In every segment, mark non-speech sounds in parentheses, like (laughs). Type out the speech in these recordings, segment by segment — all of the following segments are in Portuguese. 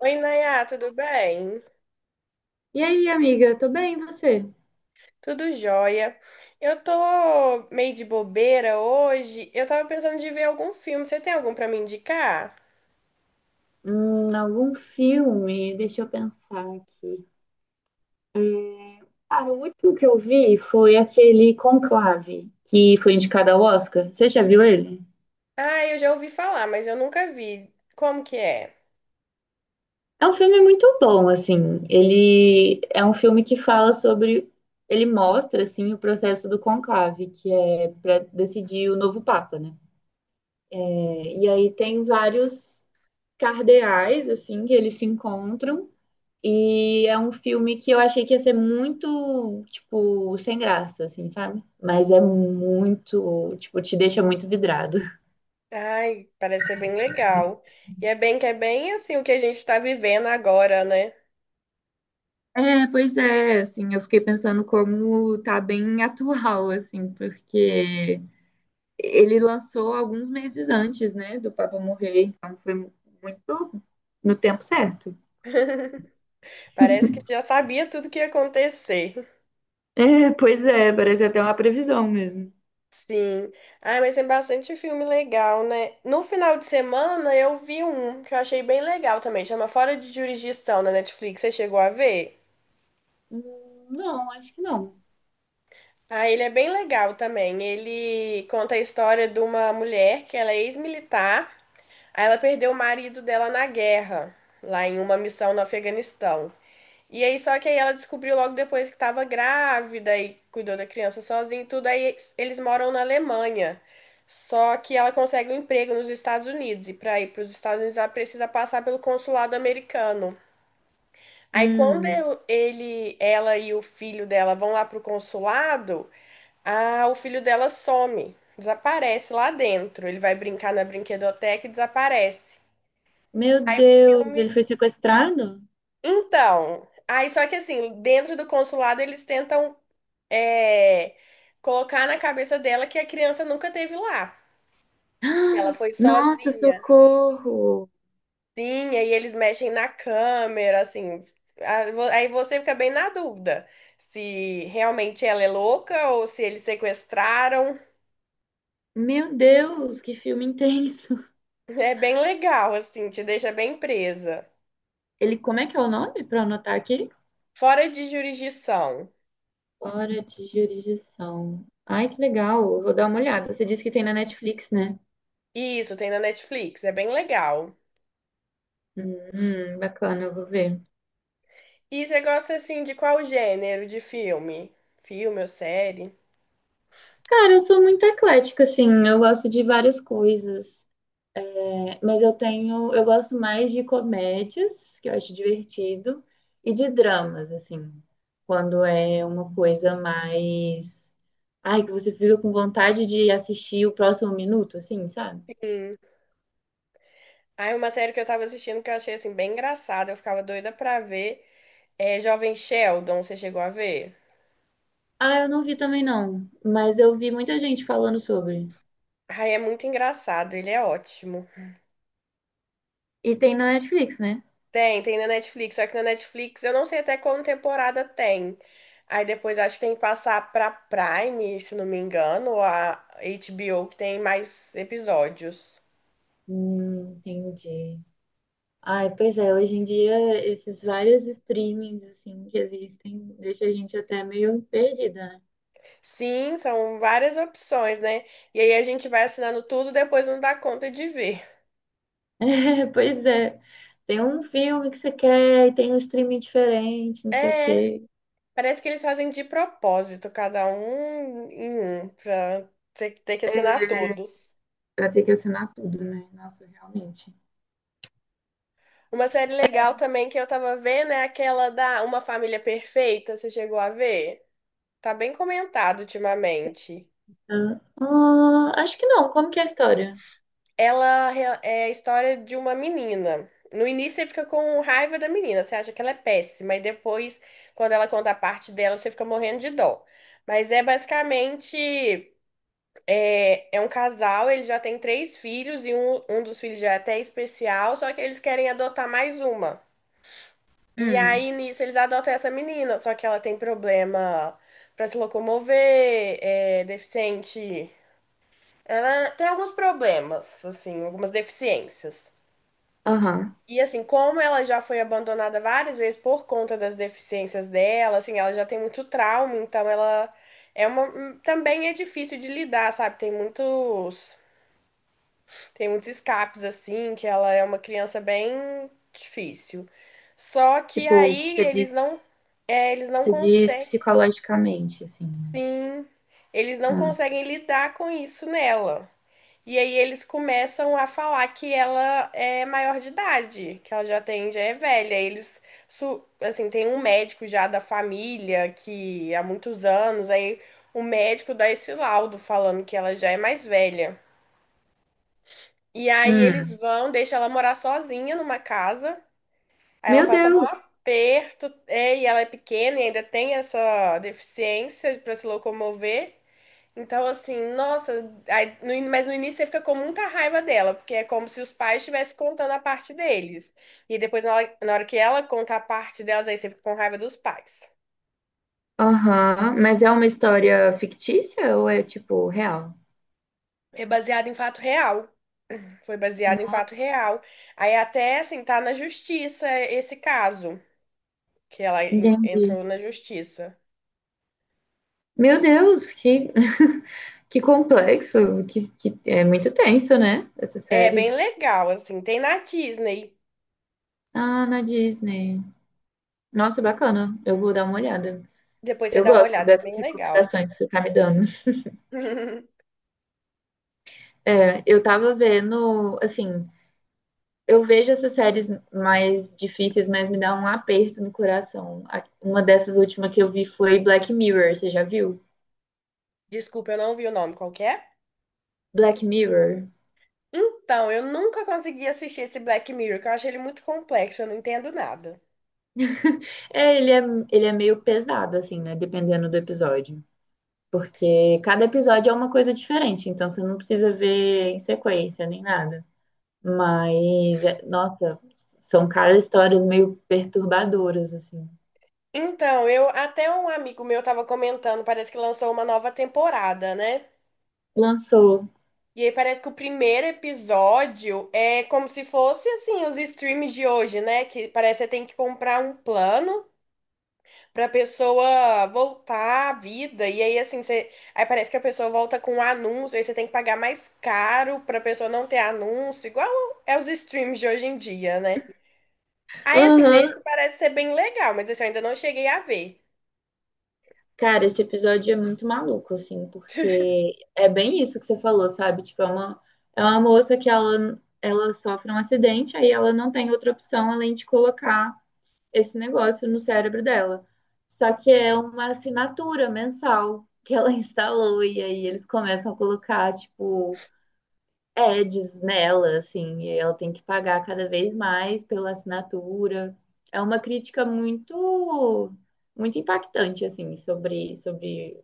Oi, Nayá, tudo bem? E aí, amiga, tô bem, e você? Tudo jóia. Eu tô meio de bobeira hoje. Eu tava pensando de ver algum filme. Você tem algum pra me indicar? Algum filme? Deixa eu pensar aqui. É, Cara, o último que eu vi foi aquele Conclave, que foi indicado ao Oscar. Você já viu ele? Ah, eu já ouvi falar, mas eu nunca vi. Como que é? É um filme muito bom, assim. Ele é um filme que fala sobre. Ele mostra, assim, o processo do conclave, que é para decidir o novo Papa, né? É, E aí tem vários cardeais, assim, que eles se encontram. E é um filme que eu achei que ia ser muito, tipo, sem graça, assim, sabe? Mas é muito, tipo, te deixa muito vidrado. Ai, parece ser bem legal. E é bem que é bem assim o que a gente tá vivendo agora, né? É, pois é, assim, eu fiquei pensando como tá bem atual, assim, porque ele lançou alguns meses antes, né, do Papa morrer, então foi muito no tempo certo. (laughs) Parece que já sabia tudo que ia acontecer. É, pois é, parece até uma previsão mesmo. Sim. Ah, mas tem bastante filme legal, né? No final de semana eu vi um que eu achei bem legal também, chama Fora de Jurisdição na Netflix. Você chegou a ver? Não, acho que não. Ah, ele é bem legal também. Ele conta a história de uma mulher que ela é ex-militar, aí ela perdeu o marido dela na guerra, lá em uma missão no Afeganistão. E aí, só que aí ela descobriu logo depois que estava grávida e cuidou da criança sozinha e tudo. Aí eles moram na Alemanha. Só que ela consegue um emprego nos Estados Unidos. E para ir para os Estados Unidos, ela precisa passar pelo consulado americano. Aí, quando Hum, ele, ela e o filho dela vão lá pro consulado, ah, o filho dela some, desaparece lá dentro. Ele vai brincar na brinquedoteca e desaparece. meu Aí o Deus, ele filme. foi sequestrado? Então, aí só que assim, dentro do consulado eles tentam é, colocar na cabeça dela que a criança nunca teve lá, que ela Ah, foi nossa, sozinha. socorro! Sim, aí eles mexem na câmera, assim. Aí você fica bem na dúvida se realmente ela é louca ou se eles sequestraram. (laughs) Meu Deus, que filme intenso! É bem legal, assim, te deixa bem presa. Ele, como é que é o nome para anotar aqui? Fora de jurisdição. Fora de jurisdição. Ai, que legal! Eu vou dar uma olhada. Você disse que tem na Netflix, né? Isso, tem na Netflix, é bem legal. Bacana, eu vou ver. E você gosta, assim, de qual gênero de filme? Filme ou série? Cara, eu sou muito eclética, assim. Eu gosto de várias coisas. Mas eu tenho, eu gosto mais de comédias, que eu acho divertido, e de dramas, assim, quando é uma coisa mais, ai, que você fica com vontade de assistir o próximo minuto, assim, sabe? Aí uma série que eu tava assistindo que eu achei assim bem engraçada, eu ficava doida pra ver, é Jovem Sheldon, você chegou a ver? Ah, eu não vi também não, mas eu vi muita gente falando sobre. Ai, é muito engraçado, ele é ótimo. E tem na Netflix, né? Tem, tem na Netflix, só que na Netflix eu não sei até qual temporada tem. Aí depois acho que tem que passar pra Prime, se não me engano, ou a HBO que tem mais episódios. Entendi. Ai, pois é, hoje em dia esses vários streamings assim que existem deixa a gente até meio perdida, né? Sim, são várias opções, né? E aí a gente vai assinando tudo, depois não dá conta de ver. (laughs) É, pois é. Tem um filme que você quer e tem um streaming diferente, não sei o É, quê. parece que eles fazem de propósito, cada um em um, pra ter, ter que assinar todos. Pra ter que assinar tudo, né? Nossa, realmente. Uma série legal também que eu tava vendo é aquela da Uma Família Perfeita, você chegou a ver? Tá bem comentado ultimamente. Ah, ah, acho que não. Como que é a história? É a história de uma menina. No início você fica com raiva da menina, você acha que ela é péssima, e depois, quando ela conta a parte dela, você fica morrendo de dó. Mas é basicamente. É, é um casal, eles já têm três filhos e um dos filhos já é até especial, só que eles querem adotar mais uma. E Hum, aí nisso eles adotam essa menina, só que ela tem problema para se locomover, é deficiente. Ela tem alguns problemas, assim, algumas deficiências. aham. E assim, como ela já foi abandonada várias vezes por conta das deficiências dela, assim, ela já tem muito trauma, então ela é uma também é difícil de lidar, sabe? Tem muitos tem muitos escapes assim, que ela é uma criança bem difícil. Só que Tipo, aí eles não, é, eles não você diz conseguem, psicologicamente, assim, né? sim, eles não Ah, conseguem lidar com isso nela. E aí eles começam a falar que ela é maior de idade, que ela já tem, já é velha. Eles, assim, tem um médico já da família que há muitos anos, aí o médico dá esse laudo falando que ela já é mais velha. E aí eles hum. vão, deixam ela morar sozinha numa casa. Aí ela Meu passa maior Deus! aperto, é, e ela é pequena e ainda tem essa deficiência para se locomover. Então, assim, nossa, aí no in- mas no início você fica com muita raiva dela, porque é como se os pais estivessem contando a parte deles. E depois, na hora que ela conta a parte delas, aí você fica com raiva dos pais. Aham. Mas é uma história fictícia ou é, tipo, real? É baseado em fato real. Foi baseado em fato real. Aí até, assim, tá na justiça esse caso. Que Entendi. entrou na justiça. Meu Deus, que, (laughs) que complexo, que é muito tenso, né? Essa É bem série. legal, assim. Tem na Disney. Ah, na Disney. Nossa, bacana. Eu vou dar uma olhada. Depois você Eu dá uma gosto olhada, é dessas bem legal. recomendações que você tá me dando. (laughs) É, eu tava vendo, assim, eu vejo essas séries mais difíceis, mas me dá um aperto no coração. Uma dessas últimas que eu vi foi Black Mirror, você já viu? Desculpa, eu não vi o nome qual que é. Black Mirror. Então, eu nunca consegui assistir esse Black Mirror, que eu acho ele muito complexo, eu não entendo nada. (laughs) É, ele é, ele é meio pesado, assim, né? Dependendo do episódio. Porque cada episódio é uma coisa diferente, então você não precisa ver em sequência nem nada. Mas, nossa, são, cara, histórias meio perturbadoras, assim. Então, eu até um amigo meu tava comentando, parece que lançou uma nova temporada, né? Lançou. E aí parece que o primeiro episódio é como se fosse assim os streams de hoje, né? Que parece que você tem que comprar um plano pra pessoa voltar à vida. E aí, assim, você... aí parece que a pessoa volta com um anúncio, aí você tem que pagar mais caro pra pessoa não ter anúncio, igual é os streams de hoje em dia, né? Aí, assim, Aham. nesse parece ser bem legal, mas esse eu ainda não cheguei a ver. Cara, esse episódio é muito maluco, assim, porque é bem isso que você falou, sabe? É uma moça que ela sofre um acidente, aí ela não tem outra opção além de colocar esse negócio no cérebro dela. Só que é uma assinatura mensal que ela (laughs) instalou, e aí eles começam a colocar, tipo, ads nela, assim, e ela tem que pagar cada vez mais pela assinatura. É uma crítica muito impactante, assim, sobre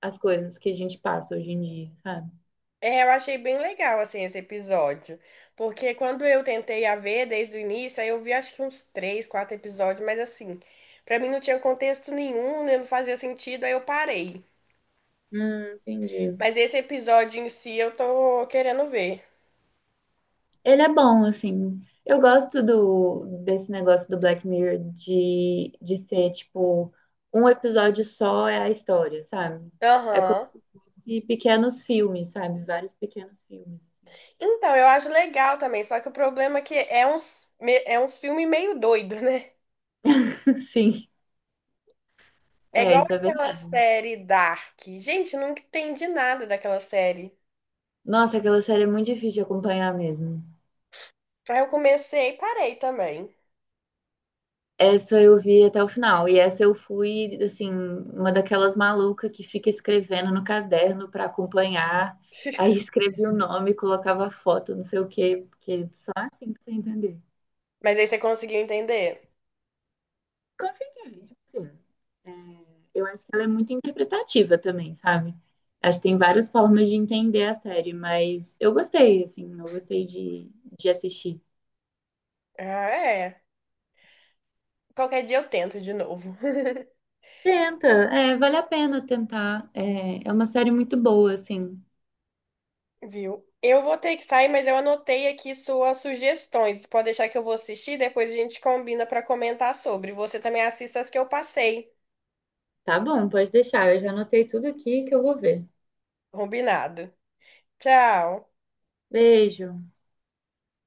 as coisas que a gente passa hoje em dia, sabe? É, eu achei bem legal, assim, esse episódio. Porque quando eu tentei a ver desde o início, aí eu vi acho que uns três, quatro episódios, mas assim, pra mim não tinha contexto nenhum, né, não fazia sentido, aí eu parei. Entendi. Mas esse episódio em si eu tô querendo ver. Ele é bom, assim. Eu gosto desse negócio do Black Mirror de ser, tipo, um episódio só é a história, sabe? É como Aham. se fosse pequenos filmes, sabe? Vários pequenos filmes. Então, eu acho legal também, só que o problema é que é uns, é uns filmes meio doido, né? (laughs) Sim, É é, igual isso é aquela verdade. série Dark. Gente, eu nunca entendi nada daquela série. Nossa, aquela série é muito difícil de acompanhar mesmo. Aí eu comecei e parei também. Essa eu vi até o final. E essa eu fui, assim, uma daquelas malucas que fica escrevendo no caderno para acompanhar. Aí (laughs) (laughs) escrevia o nome, colocava a foto, não sei o quê, porque só assim pra você entender. Mas aí você conseguiu entender? Consegui, sim. É, eu acho que ela é muito interpretativa também, sabe? Acho que tem várias formas de entender a série, mas eu gostei, assim, eu gostei de assistir. Ah, é. Qualquer dia eu tento de novo. (laughs) Tenta, é, vale a pena tentar. É, é uma série muito boa, assim. Viu? Eu vou ter que sair, mas eu anotei aqui suas sugestões. Pode deixar que eu vou assistir, depois a gente combina pra comentar sobre. Você também assista as que eu passei. Tá bom, pode deixar. Eu já anotei tudo aqui que eu vou ver. Combinado. Tchau. Beijo.